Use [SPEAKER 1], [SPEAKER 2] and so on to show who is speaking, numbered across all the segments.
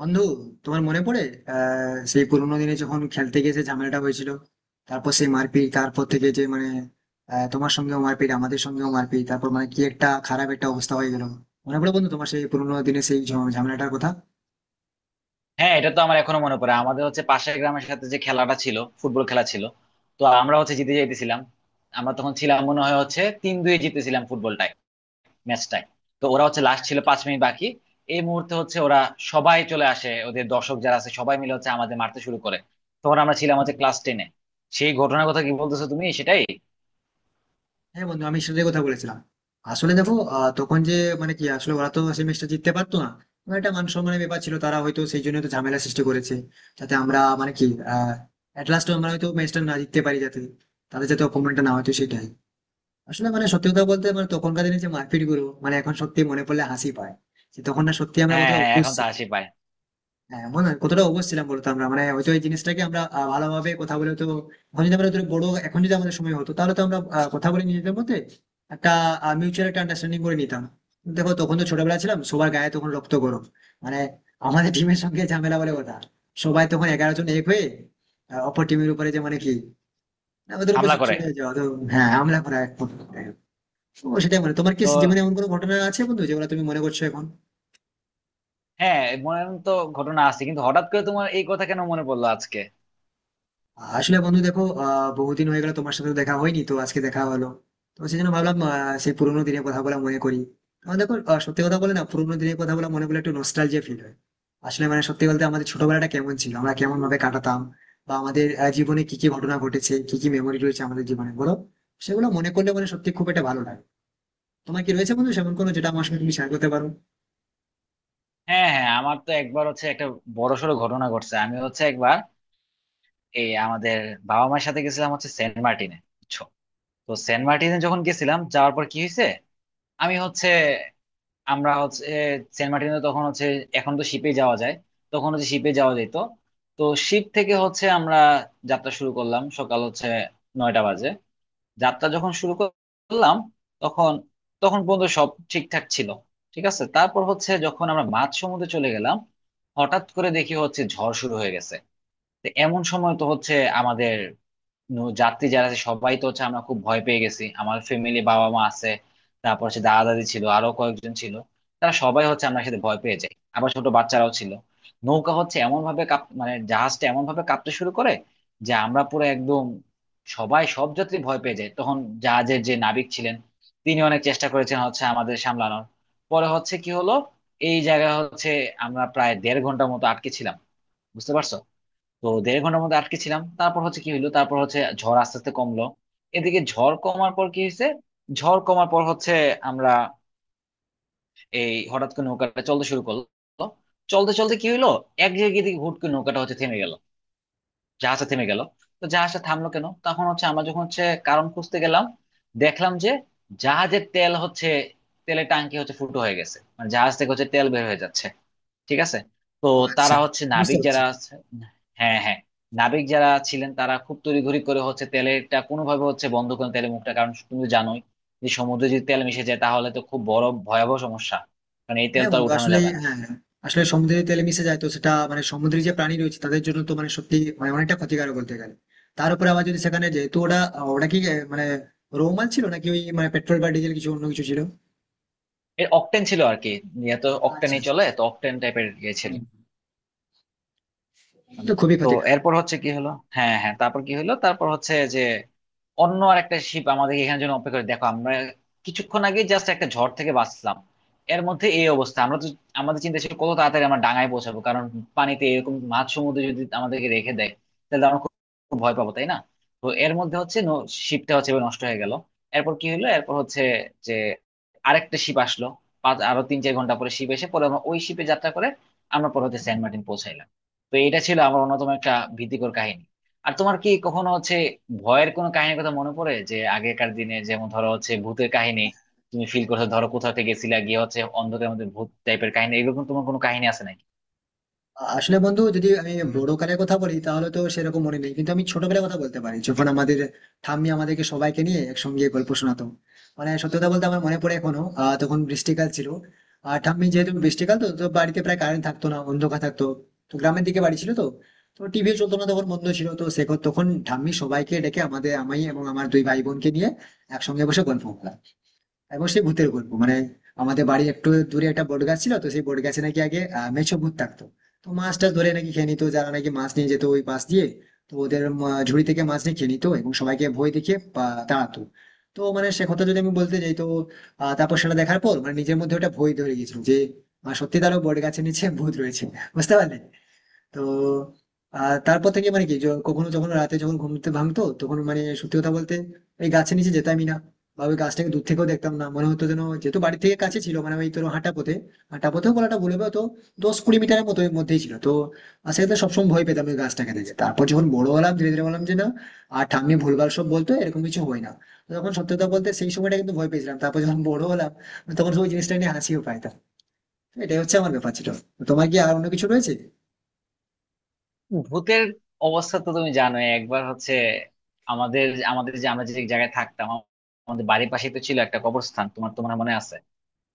[SPEAKER 1] বন্ধু, তোমার মনে পড়ে সেই পুরোনো দিনে যখন খেলতে গিয়ে যে ঝামেলাটা হয়েছিল, তারপর সেই মারপিট, তারপর থেকে যে তোমার সঙ্গেও মারপিট, আমাদের সঙ্গেও মারপিট, তারপর মানে কি একটা খারাপ একটা অবস্থা হয়ে গেল? মনে পড়ে বন্ধু, তোমার সেই পুরোনো দিনে সেই ঝামেলাটার কথা?
[SPEAKER 2] হ্যাঁ, এটা তো আমার এখনো মনে পড়ে। আমাদের হচ্ছে পাশের গ্রামের সাথে যে খেলাটা ছিল, ফুটবল খেলা ছিল। তো আমরা হচ্ছে জিতে যাইতেছিলাম। আমরা তখন ছিলাম, মনে হয় হচ্ছে 3-2 জিতেছিলাম ফুটবলটায়, ম্যাচটায়। তো ওরা হচ্ছে লাস্ট ছিল 5 মিনিট বাকি, এই মুহূর্তে হচ্ছে ওরা সবাই চলে আসে, ওদের দর্শক যারা আছে সবাই মিলে হচ্ছে আমাদের মারতে শুরু করে। তখন আমরা ছিলাম হচ্ছে ক্লাস টেনে। সেই ঘটনার কথা কি বলতেছো তুমি, সেটাই?
[SPEAKER 1] হ্যাঁ বন্ধু, আমি সেটাই কথা বলেছিলাম। আসলে দেখো, আহ, তখন যে মানে কি আসলে ওরা তো সেমিস্টার জিততে পারতো না। মানে একটা মান সম্মানের ব্যাপার ছিল, তারা হয়তো সেই জন্য তো ঝামেলা সৃষ্টি করেছে, যাতে আমরা মানে কি আহ এট লাস্ট আমরা হয়তো ম্যাচটা না জিততে পারি, যাতে তাদের যাতে অপমানটা না হয়, তো সেটাই। আসলে মানে সত্যি কথা বলতে, মানে তখনকার দিনে যে মারপিট গুলো, মানে এখন সত্যি মনে পড়লে হাসি পায় যে তখন না সত্যি আমরা
[SPEAKER 2] হ্যাঁ,
[SPEAKER 1] কতটা
[SPEAKER 2] হ্যাঁ,
[SPEAKER 1] অবশ
[SPEAKER 2] এখন তো হাসি পায়।
[SPEAKER 1] হ্যাঁ, মনে হয় কতটা অবশ ছিলাম বলতো আমরা, মানে হয়তো এই জিনিসটাকে আমরা ভালোভাবে কথা বলে তো এখন যদি আমরা ধরো বড়, এখন যদি আমাদের সময় হতো, তাহলে তো আমরা কথা বলে নিজেদের মধ্যে একটা মিউচুয়াল একটা আন্ডারস্ট্যান্ডিং করে নিতাম। দেখো তখন তো ছোটবেলা ছিলাম, সবার গায়ে তখন রক্ত গরম, মানে আমাদের টিমের সঙ্গে ঝামেলা বলে কথা। সবাই তখন 11 জন এক হয়ে অপর টিমের উপরে যে মানে কি না, ওদের উপর
[SPEAKER 2] হামলা করে।
[SPEAKER 1] চড়ে যাওয়া তো। হ্যাঁ, আমরা করা এক প্রকার। ও সেটাই, মানে তোমার কি
[SPEAKER 2] তো
[SPEAKER 1] জীবনে এমন কোনো ঘটনা আছে বন্ধু, যেগুলো তুমি মনে করছো এখন?
[SPEAKER 2] হ্যাঁ, মনে তো ঘটনা আছে, কিন্তু হঠাৎ করে তোমার এই কথা কেন মনে পড়লো আজকে?
[SPEAKER 1] আসলে বন্ধু দেখো, বহুদিন হয়ে গেল, তোমার সাথে তো দেখা হয়নি, তো আজকে দেখা হলো, তো সেই জন্য ভাবলাম সেই পুরোনো দিনের কথা বলা মনে করি। কারণ দেখো, সত্যি কথা বলে না, পুরোনো দিনের কথা বলা মনে করলে একটু নস্টালজিয়া ফিল হয়। আসলে মানে সত্যি বলতে, আমাদের ছোটবেলাটা কেমন ছিল, আমরা কেমন ভাবে কাটাতাম, বা আমাদের জীবনে কি কি ঘটনা ঘটেছে, কি কি মেমোরি রয়েছে আমাদের জীবনে বলো, সেগুলো মনে করলে মানে সত্যি খুব একটা ভালো লাগে। তোমার কি রয়েছে বন্ধু সেমন কোনো, যেটা আমার সঙ্গে তুমি শেয়ার করতে পারো?
[SPEAKER 2] হ্যাঁ, হ্যাঁ, আমার তো একবার হচ্ছে একটা বড়সড় ঘটনা ঘটছে। আমি হচ্ছে একবার এই আমাদের বাবা মায়ের সাথে গেছিলাম হচ্ছে সেন্ট মার্টিনে, বুঝছো? তো সেন্ট মার্টিনে যখন গেছিলাম, যাওয়ার পর কি হয়েছে, আমি হচ্ছে আমরা হচ্ছে সেন্ট মার্টিনে তখন হচ্ছে, এখন তো শিপে যাওয়া যায়, তখন হচ্ছে শিপে যাওয়া যেত। তো শিপ থেকে হচ্ছে আমরা যাত্রা শুরু করলাম, সকাল হচ্ছে 9টা বাজে। যাত্রা যখন শুরু করলাম, তখন তখন পর্যন্ত সব ঠিকঠাক ছিল, ঠিক আছে। তারপর হচ্ছে যখন আমরা মাঝ সমুদ্রে চলে গেলাম, হঠাৎ করে দেখি হচ্ছে ঝড় শুরু হয়ে গেছে। তো এমন সময় তো হচ্ছে আমাদের যাত্রী যারা আছে সবাই তো হচ্ছে আমরা খুব ভয় পেয়ে গেছি, আমার ফ্যামিলি বাবা মা আছে, তারপর হচ্ছে দাদা দাদি ছিল, আরো কয়েকজন ছিল, তারা সবাই হচ্ছে আমার সাথে ভয় পেয়ে যায়, আবার ছোট বাচ্চারাও ছিল। নৌকা হচ্ছে এমন ভাবে কাঁপ, মানে জাহাজটা এমন ভাবে কাঁপতে শুরু করে যে আমরা পুরো একদম, সবাই, সব যাত্রী ভয় পেয়ে যায় তখন। জাহাজের যে নাবিক ছিলেন তিনি অনেক চেষ্টা করেছেন হচ্ছে আমাদের সামলানোর। পরে হচ্ছে কি হলো, এই জায়গায় হচ্ছে আমরা প্রায় দেড় ঘন্টার মতো আটকে ছিলাম, বুঝতে পারছো? তো দেড় ঘন্টার মধ্যে আটকে ছিলাম, তারপর হচ্ছে কি হইলো, তারপর হচ্ছে ঝড় আস্তে আস্তে কমলো। এদিকে ঝড় কমার পর কি হয়েছে, ঝড় কমার পর হচ্ছে আমরা এই হঠাৎ করে নৌকাটা চলতে শুরু করলো। চলতে চলতে কি হইলো, এক জায়গায় দিকে হুট করে নৌকাটা হচ্ছে থেমে গেল, জাহাজটা থেমে গেল। তো জাহাজটা থামলো কেন, তখন হচ্ছে আমরা যখন হচ্ছে কারণ খুঁজতে গেলাম, দেখলাম যে জাহাজের তেল হচ্ছে, তেলের টাঙ্কি হচ্ছে ফুটো হয়ে গেছে, মানে জাহাজ থেকে হচ্ছে তেল বের হয়ে যাচ্ছে। ঠিক আছে। তো
[SPEAKER 1] ও আচ্ছা।
[SPEAKER 2] তারা হচ্ছে
[SPEAKER 1] বুঝতে
[SPEAKER 2] নাবিক
[SPEAKER 1] পারছি।
[SPEAKER 2] যারা আছে, হ্যাঁ, হ্যাঁ, নাবিক যারা ছিলেন তারা খুব তড়িঘড়ি করে হচ্ছে তেলটা কোনোভাবে হচ্ছে বন্ধ করেন, তেলের মুখটা। কারণ তুমি তো জানোই যে সমুদ্রে যদি তেল মিশে যায় তাহলে তো খুব বড় ভয়াবহ সমস্যা, কারণ এই তেল
[SPEAKER 1] হ্যাঁ
[SPEAKER 2] তো আর
[SPEAKER 1] বন্ধু,
[SPEAKER 2] উঠানো
[SPEAKER 1] আসলে
[SPEAKER 2] যাবে না।
[SPEAKER 1] হ্যাঁ, আসলে সমুদ্রের তেলে মিশে যায়, তো সেটা মানে সমুদ্রের যে প্রাণী রয়েছে তাদের জন্য তো মানে সত্যি মানে অনেকটা ক্ষতিকারক বলতে গেলে। তার উপরে আবার যদি সেখানে যেহেতু ওটা, ওটা কি আহ, মানে রোমাল ছিল, নাকি ওই মানে পেট্রোল বা ডিজেল কিছু অন্য কিছু ছিল?
[SPEAKER 2] এর অকটেন ছিল আর কি, এত
[SPEAKER 1] আচ্ছা
[SPEAKER 2] অকটেনই
[SPEAKER 1] আচ্ছা
[SPEAKER 2] চলে,
[SPEAKER 1] আচ্ছা।
[SPEAKER 2] তো অকটেন টাইপের ইয়ে ছিল।
[SPEAKER 1] হুম। তো খুবই
[SPEAKER 2] তো
[SPEAKER 1] ক্ষতি।
[SPEAKER 2] এরপর হচ্ছে কি হলো, হ্যাঁ, হ্যাঁ, তারপর কি হলো, তারপর হচ্ছে যে অন্য আর একটা শিপ আমাদের এখানে জন্য অপেক্ষা করে, দেখো আমরা কিছুক্ষণ আগে জাস্ট একটা ঝড় থেকে বাঁচলাম, এর মধ্যে এই অবস্থা। আমরা তো, আমাদের চিন্তা ছিল কত তাড়াতাড়ি আমরা ডাঙায় পৌঁছাবো, কারণ পানিতে এরকম মাঝ সমুদ্রে যদি আমাদেরকে রেখে দেয়, তাহলে আমরা খুব খুব ভয় পাবো, তাই না? তো এর মধ্যে হচ্ছে শিপটা হচ্ছে এবার নষ্ট হয়ে গেল। এরপর কি হলো, এরপর হচ্ছে যে আরেকটা শিপ আসলো। আরো 3-4 ঘন্টা পরে শিপ এসে পরে আমরা ওই শিপে যাত্রা করে আমরা পরে হচ্ছে সেন্ট মার্টিন পৌঁছাই। তো এটা ছিল আমার অন্যতম একটা ভীতিকর কাহিনী। আর তোমার কি কখনো হচ্ছে ভয়ের কোনো কাহিনীর কথা মনে পড়ে, যে আগেকার দিনে যেমন ধরো হচ্ছে ভূতের কাহিনী, তুমি ফিল করছো, ধরো কোথাও থেকে গেছিলা, গিয়ে হচ্ছে অন্ধকারের মধ্যে ভূত টাইপের কাহিনী, এরকম তোমার কোনো কাহিনী আছে নাকি?
[SPEAKER 1] আসলে বন্ধু, যদি আমি বড়কালের কথা বলি তাহলে তো সেরকম মনে নেই, কিন্তু আমি ছোটবেলার কথা বলতে পারি। যখন আমাদের ঠাম্মি আমাদেরকে সবাইকে নিয়ে একসঙ্গে গল্প শোনাতো, মানে সত্যি কথা বলতে আমার মনে পড়ে এখনো। তখন বৃষ্টিকাল ছিল, আর ঠাম্মি যেহেতু বৃষ্টিকাল, তো তো বাড়িতে প্রায় কারেন্ট থাকতো না, অন্ধকার থাকতো, তো গ্রামের দিকে বাড়ি ছিল তো, তো টিভি চলতো না, তখন বন্ধ ছিল তো সে। তখন ঠাম্মি সবাইকে ডেকে আমাদের, আমি এবং আমার দুই ভাই বোনকে নিয়ে একসঙ্গে বসে গল্প করতাম, এবং সেই ভূতের গল্প মানে আমাদের বাড়ির একটু দূরে একটা বট গাছ ছিল, তো সেই বট গাছে নাকি আগে মেছো ভূত থাকতো। তো মাছ টাছ ধরে নাকি খেয়ে নিত, যারা নাকি মাছ নিয়ে যেত ওই পাশ দিয়ে, তো ওদের ঝুড়ি থেকে মাছ নিয়ে খেয়ে নিত, এবং সবাইকে ভয় দেখিয়ে তাড়াতো। তো মানে সে কথা যদি আমি বলতে যাই তো তারপর সেটা দেখার পর মানে নিজের মধ্যে ওটা ভয় ধরে গেছিল যে সত্যি তারও বট গাছের নিচে ভূত রয়েছে, বুঝতে পারলে? তো তারপর থেকে কখনো যখন রাতে যখন ঘুমতে ভাঙতো, তখন মানে সত্যি কথা বলতে ওই গাছের নিচে যেতামই না, বা ওই গাছটাকে দূর থেকেও দেখতাম না, মনে হতো যেন। যেহেতু বাড়ি থেকে কাছে ছিল, মানে ওই তোর হাঁটা পথে, হাঁটা পথেও বলাটা ভুল হবে, তো 10-20 মিটারের মতো এর মধ্যেই ছিল তো। আর সেক্ষেত্রে সবসময় ভয় পেতাম ওই গাছটাকে দেখে। তারপর যখন বড় হলাম, ধীরে ধীরে বললাম যে না, আর ঠাম্মি ভুলভাল সব বলতো, এরকম কিছু হয় না। তো তখন সত্যি কথা বলতে সেই সময়টা কিন্তু ভয় পেয়েছিলাম, তারপর যখন বড় হলাম তখন ওই জিনিসটা নিয়ে হাসিও পাইতাম। তো এটাই হচ্ছে আমার ব্যাপার ছিল। তো তোমার কি আর অন্য কিছু রয়েছে?
[SPEAKER 2] ভূতের অবস্থা তো তুমি জানো। একবার হচ্ছে আমাদের, আমাদের যে আমরা যে জায়গায় থাকতাম, আমাদের বাড়ির পাশে তো ছিল একটা কবরস্থান, তোমার তোমার মনে আছে?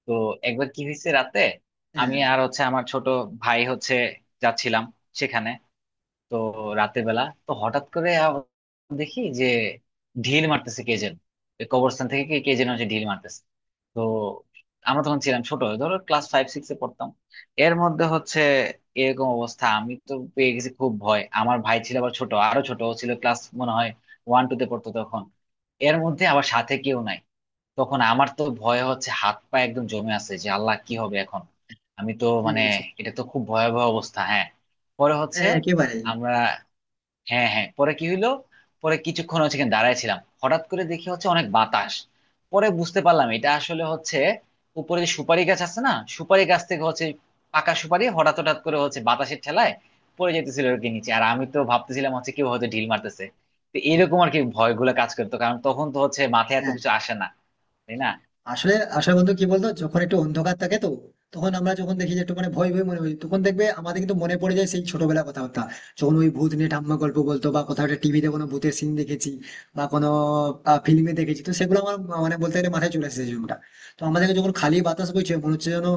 [SPEAKER 2] তো একবার কি হয়েছে রাতে,
[SPEAKER 1] হ্যাঁ।
[SPEAKER 2] আমি আর হচ্ছে আমার ছোট ভাই হচ্ছে যাচ্ছিলাম সেখানে। তো রাতের বেলা তো হঠাৎ করে দেখি যে ঢিল মারতেছে কে যেন, ওই কবরস্থান থেকে কে কে যেন হচ্ছে ঢিল মারতেছে। তো আমরা তখন ছিলাম ছোট, ধরো ক্লাস ফাইভ সিক্স এ পড়তাম। এর মধ্যে হচ্ছে এরকম অবস্থা, আমি তো পেয়ে গেছি খুব ভয়, আমার ভাই ছিল আবার ছোট, আরো ছোট ও ছিল, ক্লাস মনে হয় ওয়ান টু তে পড়তো তখন। এর মধ্যে আবার সাথে কেউ নাই। তখন আমার তো ভয় হচ্ছে, হাত পা একদম জমে আছে, যে আল্লাহ কি হবে এখন, আমি তো
[SPEAKER 1] কি
[SPEAKER 2] মানে,
[SPEAKER 1] বলছো?
[SPEAKER 2] এটা তো খুব ভয়াবহ অবস্থা, হ্যাঁ। পরে হচ্ছে
[SPEAKER 1] হ্যাঁ, একেবারেই।
[SPEAKER 2] আমরা, হ্যাঁ, হ্যাঁ, পরে কি হইলো, পরে কিছুক্ষণ হচ্ছে এখানে দাঁড়াইছিলাম, হঠাৎ করে দেখি হচ্ছে অনেক বাতাস। পরে বুঝতে পারলাম এটা আসলে হচ্ছে উপরে যে সুপারি গাছ আছে না, সুপারি গাছ থেকে হচ্ছে পাকা সুপারি হঠাৎ হঠাৎ করে হচ্ছে বাতাসের ঠেলায় পড়ে যেতেছিল আর কি নিচে, আর আমি তো ভাবতেছিলাম হচ্ছে কেউ হয়তো ঢিল মারতেছে। তো এরকম আর কি, ভয়গুলো কাজ করতো, কারণ তখন তো হচ্ছে মাথায় এত
[SPEAKER 1] হ্যাঁ,
[SPEAKER 2] কিছু আসে না, তাই না?
[SPEAKER 1] আসলে আসলে বন্ধু, কি বলতো, যখন একটু অন্ধকার থাকে তো তখন আমরা যখন দেখি যে একটু মানে ভয় ভয় মনে হয়, তখন দেখবে আমাদের কিন্তু মনে পড়ে যায় সেই ছোটবেলা কথাবার্তা, যখন ওই ভূত নিয়ে ঠাম্মা গল্প বলতো, বা কোথাও একটা টিভিতে কোনো ভূতের সিন দেখেছি, বা কোনো ফিল্মে দেখেছি, তো সেগুলো আমার মানে বলতে গেলে মাথায় চলে এসেছে জীবনটা। তো আমাদেরকে যখন খালি বাতাস বইছে মনে হচ্ছে যেন,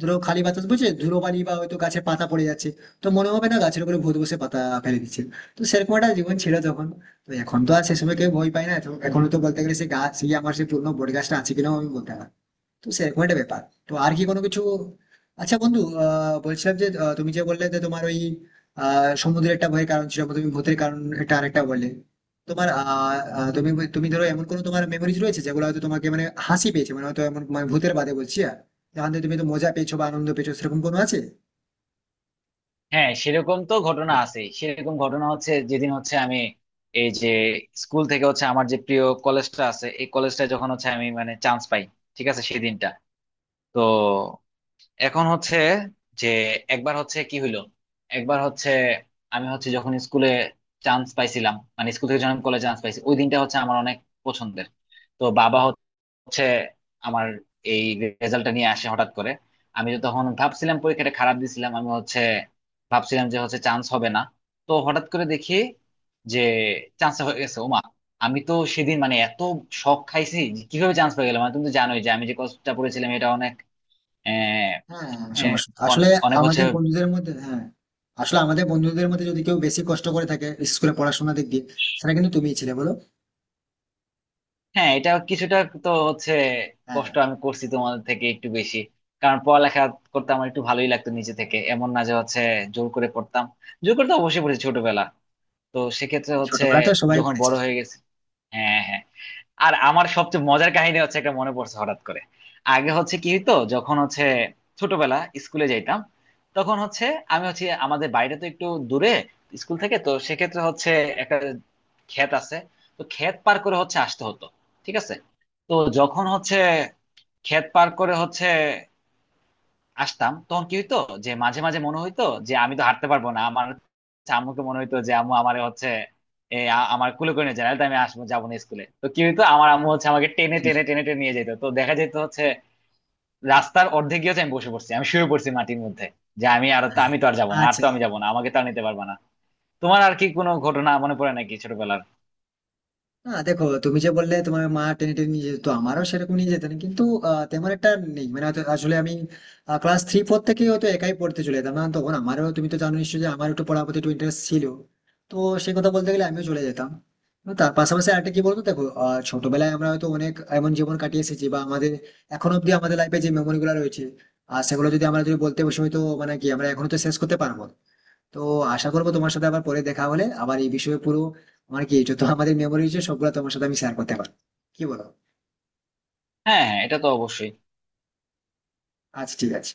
[SPEAKER 1] ধরো খালি বাতাস বইছে, ধুলোবালি বা হয়তো গাছে পাতা পড়ে যাচ্ছে, তো মনে হবে না গাছের উপরে ভূত বসে পাতা ফেলে দিচ্ছে। তো সেরকম একটা জীবন ছিল তখন। তো এখন তো আর সেসবে কেউ ভয় পায় না, তো এখনো তো বলতে গেলে সেই গাছ, সেই আমার সেই পুরনো বট গাছটা আছে কিনাও আমি বলতে পারবো না। তো সেরকম একটা ব্যাপার। তো আর কি কোনো কিছু? আচ্ছা বন্ধু, বলছিলাম যে তুমি যে বললে যে তোমার ওই সমুদ্রের একটা ভয়ের কারণ ছিল, তুমি ভূতের কারণ একটা আরেকটা বললে, তোমার আহ আহ, তুমি তুমি ধরো এমন কোনো তোমার মেমোরিজ রয়েছে, যেগুলো হয়তো তোমাকে মানে হাসি পেয়েছে, মানে হয়তো এমন মানে ভূতের বাদে বলছি, আর যেখান থেকে তুমি তো মজা পেয়েছো বা আনন্দ পেয়েছো, সেরকম কোনো আছে?
[SPEAKER 2] হ্যাঁ, সেরকম তো ঘটনা আছে। সেরকম ঘটনা হচ্ছে, যেদিন হচ্ছে আমি এই যে স্কুল থেকে হচ্ছে আমার যে প্রিয় কলেজটা আছে, এই কলেজটা যখন হচ্ছে আমি মানে চান্স পাই, ঠিক আছে সেদিনটা। তো এখন হচ্ছে যে একবার হচ্ছে কি হইলো, একবার হচ্ছে আমি হচ্ছে যখন স্কুলে চান্স পাইছিলাম, মানে স্কুল থেকে যখন কলেজে চান্স পাইছি, ওই দিনটা হচ্ছে আমার অনেক পছন্দের। তো বাবা হচ্ছে আমার এই রেজাল্টটা নিয়ে আসে হঠাৎ করে। আমি তো তখন ভাবছিলাম পরীক্ষাটা খারাপ দিছিলাম, আমি হচ্ছে ভাবছিলাম যে হচ্ছে চান্স হবে না। তো হঠাৎ করে দেখি যে চান্স হয়ে গেছে, ওমা। আমি তো সেদিন মানে এত শখ খাইছি, যে কিভাবে চান্স পেয়ে গেলাম, মানে তুমি তো জানোই যে আমি যে কষ্টটা পড়েছিলাম এটা অনেক, আহ,
[SPEAKER 1] হ্যাঁ,
[SPEAKER 2] আহ,
[SPEAKER 1] সমস্যা আসলে
[SPEAKER 2] অনে- অনেক হচ্ছে,
[SPEAKER 1] আমাদের বন্ধুদের মধ্যে, হ্যাঁ। আসলে আমাদের বন্ধুদের মধ্যে যদি কেউ বেশি কষ্ট করে থাকে স্কুলে পড়াশোনা দিক দিয়ে, সেটা কিন্তু তুমিই ছিলে বলো।
[SPEAKER 2] হ্যাঁ এটা কিছুটা তো হচ্ছে
[SPEAKER 1] হ্যাঁ।
[SPEAKER 2] কষ্ট আমি করছি তোমাদের থেকে একটু বেশি, কারণ পড়ালেখা করতে আমার একটু ভালোই লাগতো নিজে থেকে, এমন না যে হচ্ছে জোর করে পড়তাম, জোর করে তো অবশ্যই পড়েছি ছোটবেলা, তো সেক্ষেত্রে হচ্ছে
[SPEAKER 1] ছোটবেলাতে সবাই
[SPEAKER 2] যখন
[SPEAKER 1] পড়েছে।
[SPEAKER 2] বড় হয়ে গেছে, হ্যাঁ, হ্যাঁ। আর আমার সবচেয়ে মজার কাহিনী হচ্ছে একটা মনে পড়ছে হঠাৎ করে। আগে হচ্ছে কি হইতো, যখন হচ্ছে ছোটবেলা স্কুলে যাইতাম, তখন হচ্ছে আমি হচ্ছে আমাদের বাড়িটা তো একটু দূরে স্কুল থেকে, তো সেক্ষেত্রে হচ্ছে একটা ক্ষেত আছে, তো ক্ষেত পার করে হচ্ছে আসতে হতো, ঠিক আছে। তো যখন হচ্ছে ক্ষেত পার করে হচ্ছে আসতাম, তখন কি হইতো যে মাঝে মাঝে মনে হইতো যে আমি তো হাঁটতে পারবো না, আমার হচ্ছে আম্মুকে মনে হইতো যে আম্মু আমার হচ্ছে আমার কুলে করে নিয়ে যায়, নাহলে তো আমি আসবো যাবো না স্কুলে। তো কি হইতো, আমার আম্মু হচ্ছে আমাকে টেনে টেনে টেনে টেনে নিয়ে যেত। তো দেখা যেত হচ্ছে রাস্তার অর্ধেক গিয়ে হচ্ছে আমি বসে পড়ছি, আমি শুয়ে পড়ছি মাটির মধ্যে, যে আমি তো আর যাবো না, আর
[SPEAKER 1] আচ্ছা।
[SPEAKER 2] তো আমি যাবো না, আমাকে তো আর নিতে পারবে না। তোমার আর কি কোনো ঘটনা মনে পড়ে নাকি ছোটবেলার?
[SPEAKER 1] না দেখো, তুমি যে বললে তোমার মা টেনে টেনে নিয়ে যেত, আমারও সেরকম নিয়ে যেতেন কিন্তু তেমন একটা নেই, মানে হয়তো আসলে আমি ক্লাস থ্রি ফোর থেকে হয়তো একাই পড়তে চলে যেতাম না তখন। আমারও তুমি তো জানো নিশ্চয়ই যে আমার একটু পড়ার প্রতি একটু ইন্টারেস্ট ছিল, তো সেই কথা বলতে গেলে আমিও চলে যেতাম। এবং তার পাশাপাশি আরেকটা কি বলতো দেখো, ছোটবেলায় আমরা হয়তো অনেক এমন জীবন কাটিয়ে এসেছি, বা আমাদের এখন অব্দি আমাদের লাইফে যে মেমোরি গুলো রয়েছে, আর সেগুলো যদি আমরা যদি বলতে বসে হয়তো মানে কি আমরা এখনো তো শেষ করতে পারবো না। তো আশা করবো তোমার সাথে আবার পরে দেখা হলে আবার এই বিষয়ে পুরো আমার কি যত আমাদের মেমোরি আছে, সবগুলো তোমার সাথে আমি শেয়ার করতে পারবো, কি বলো?
[SPEAKER 2] হ্যাঁ, হ্যাঁ, এটা তো অবশ্যই।
[SPEAKER 1] আচ্ছা ঠিক আছে।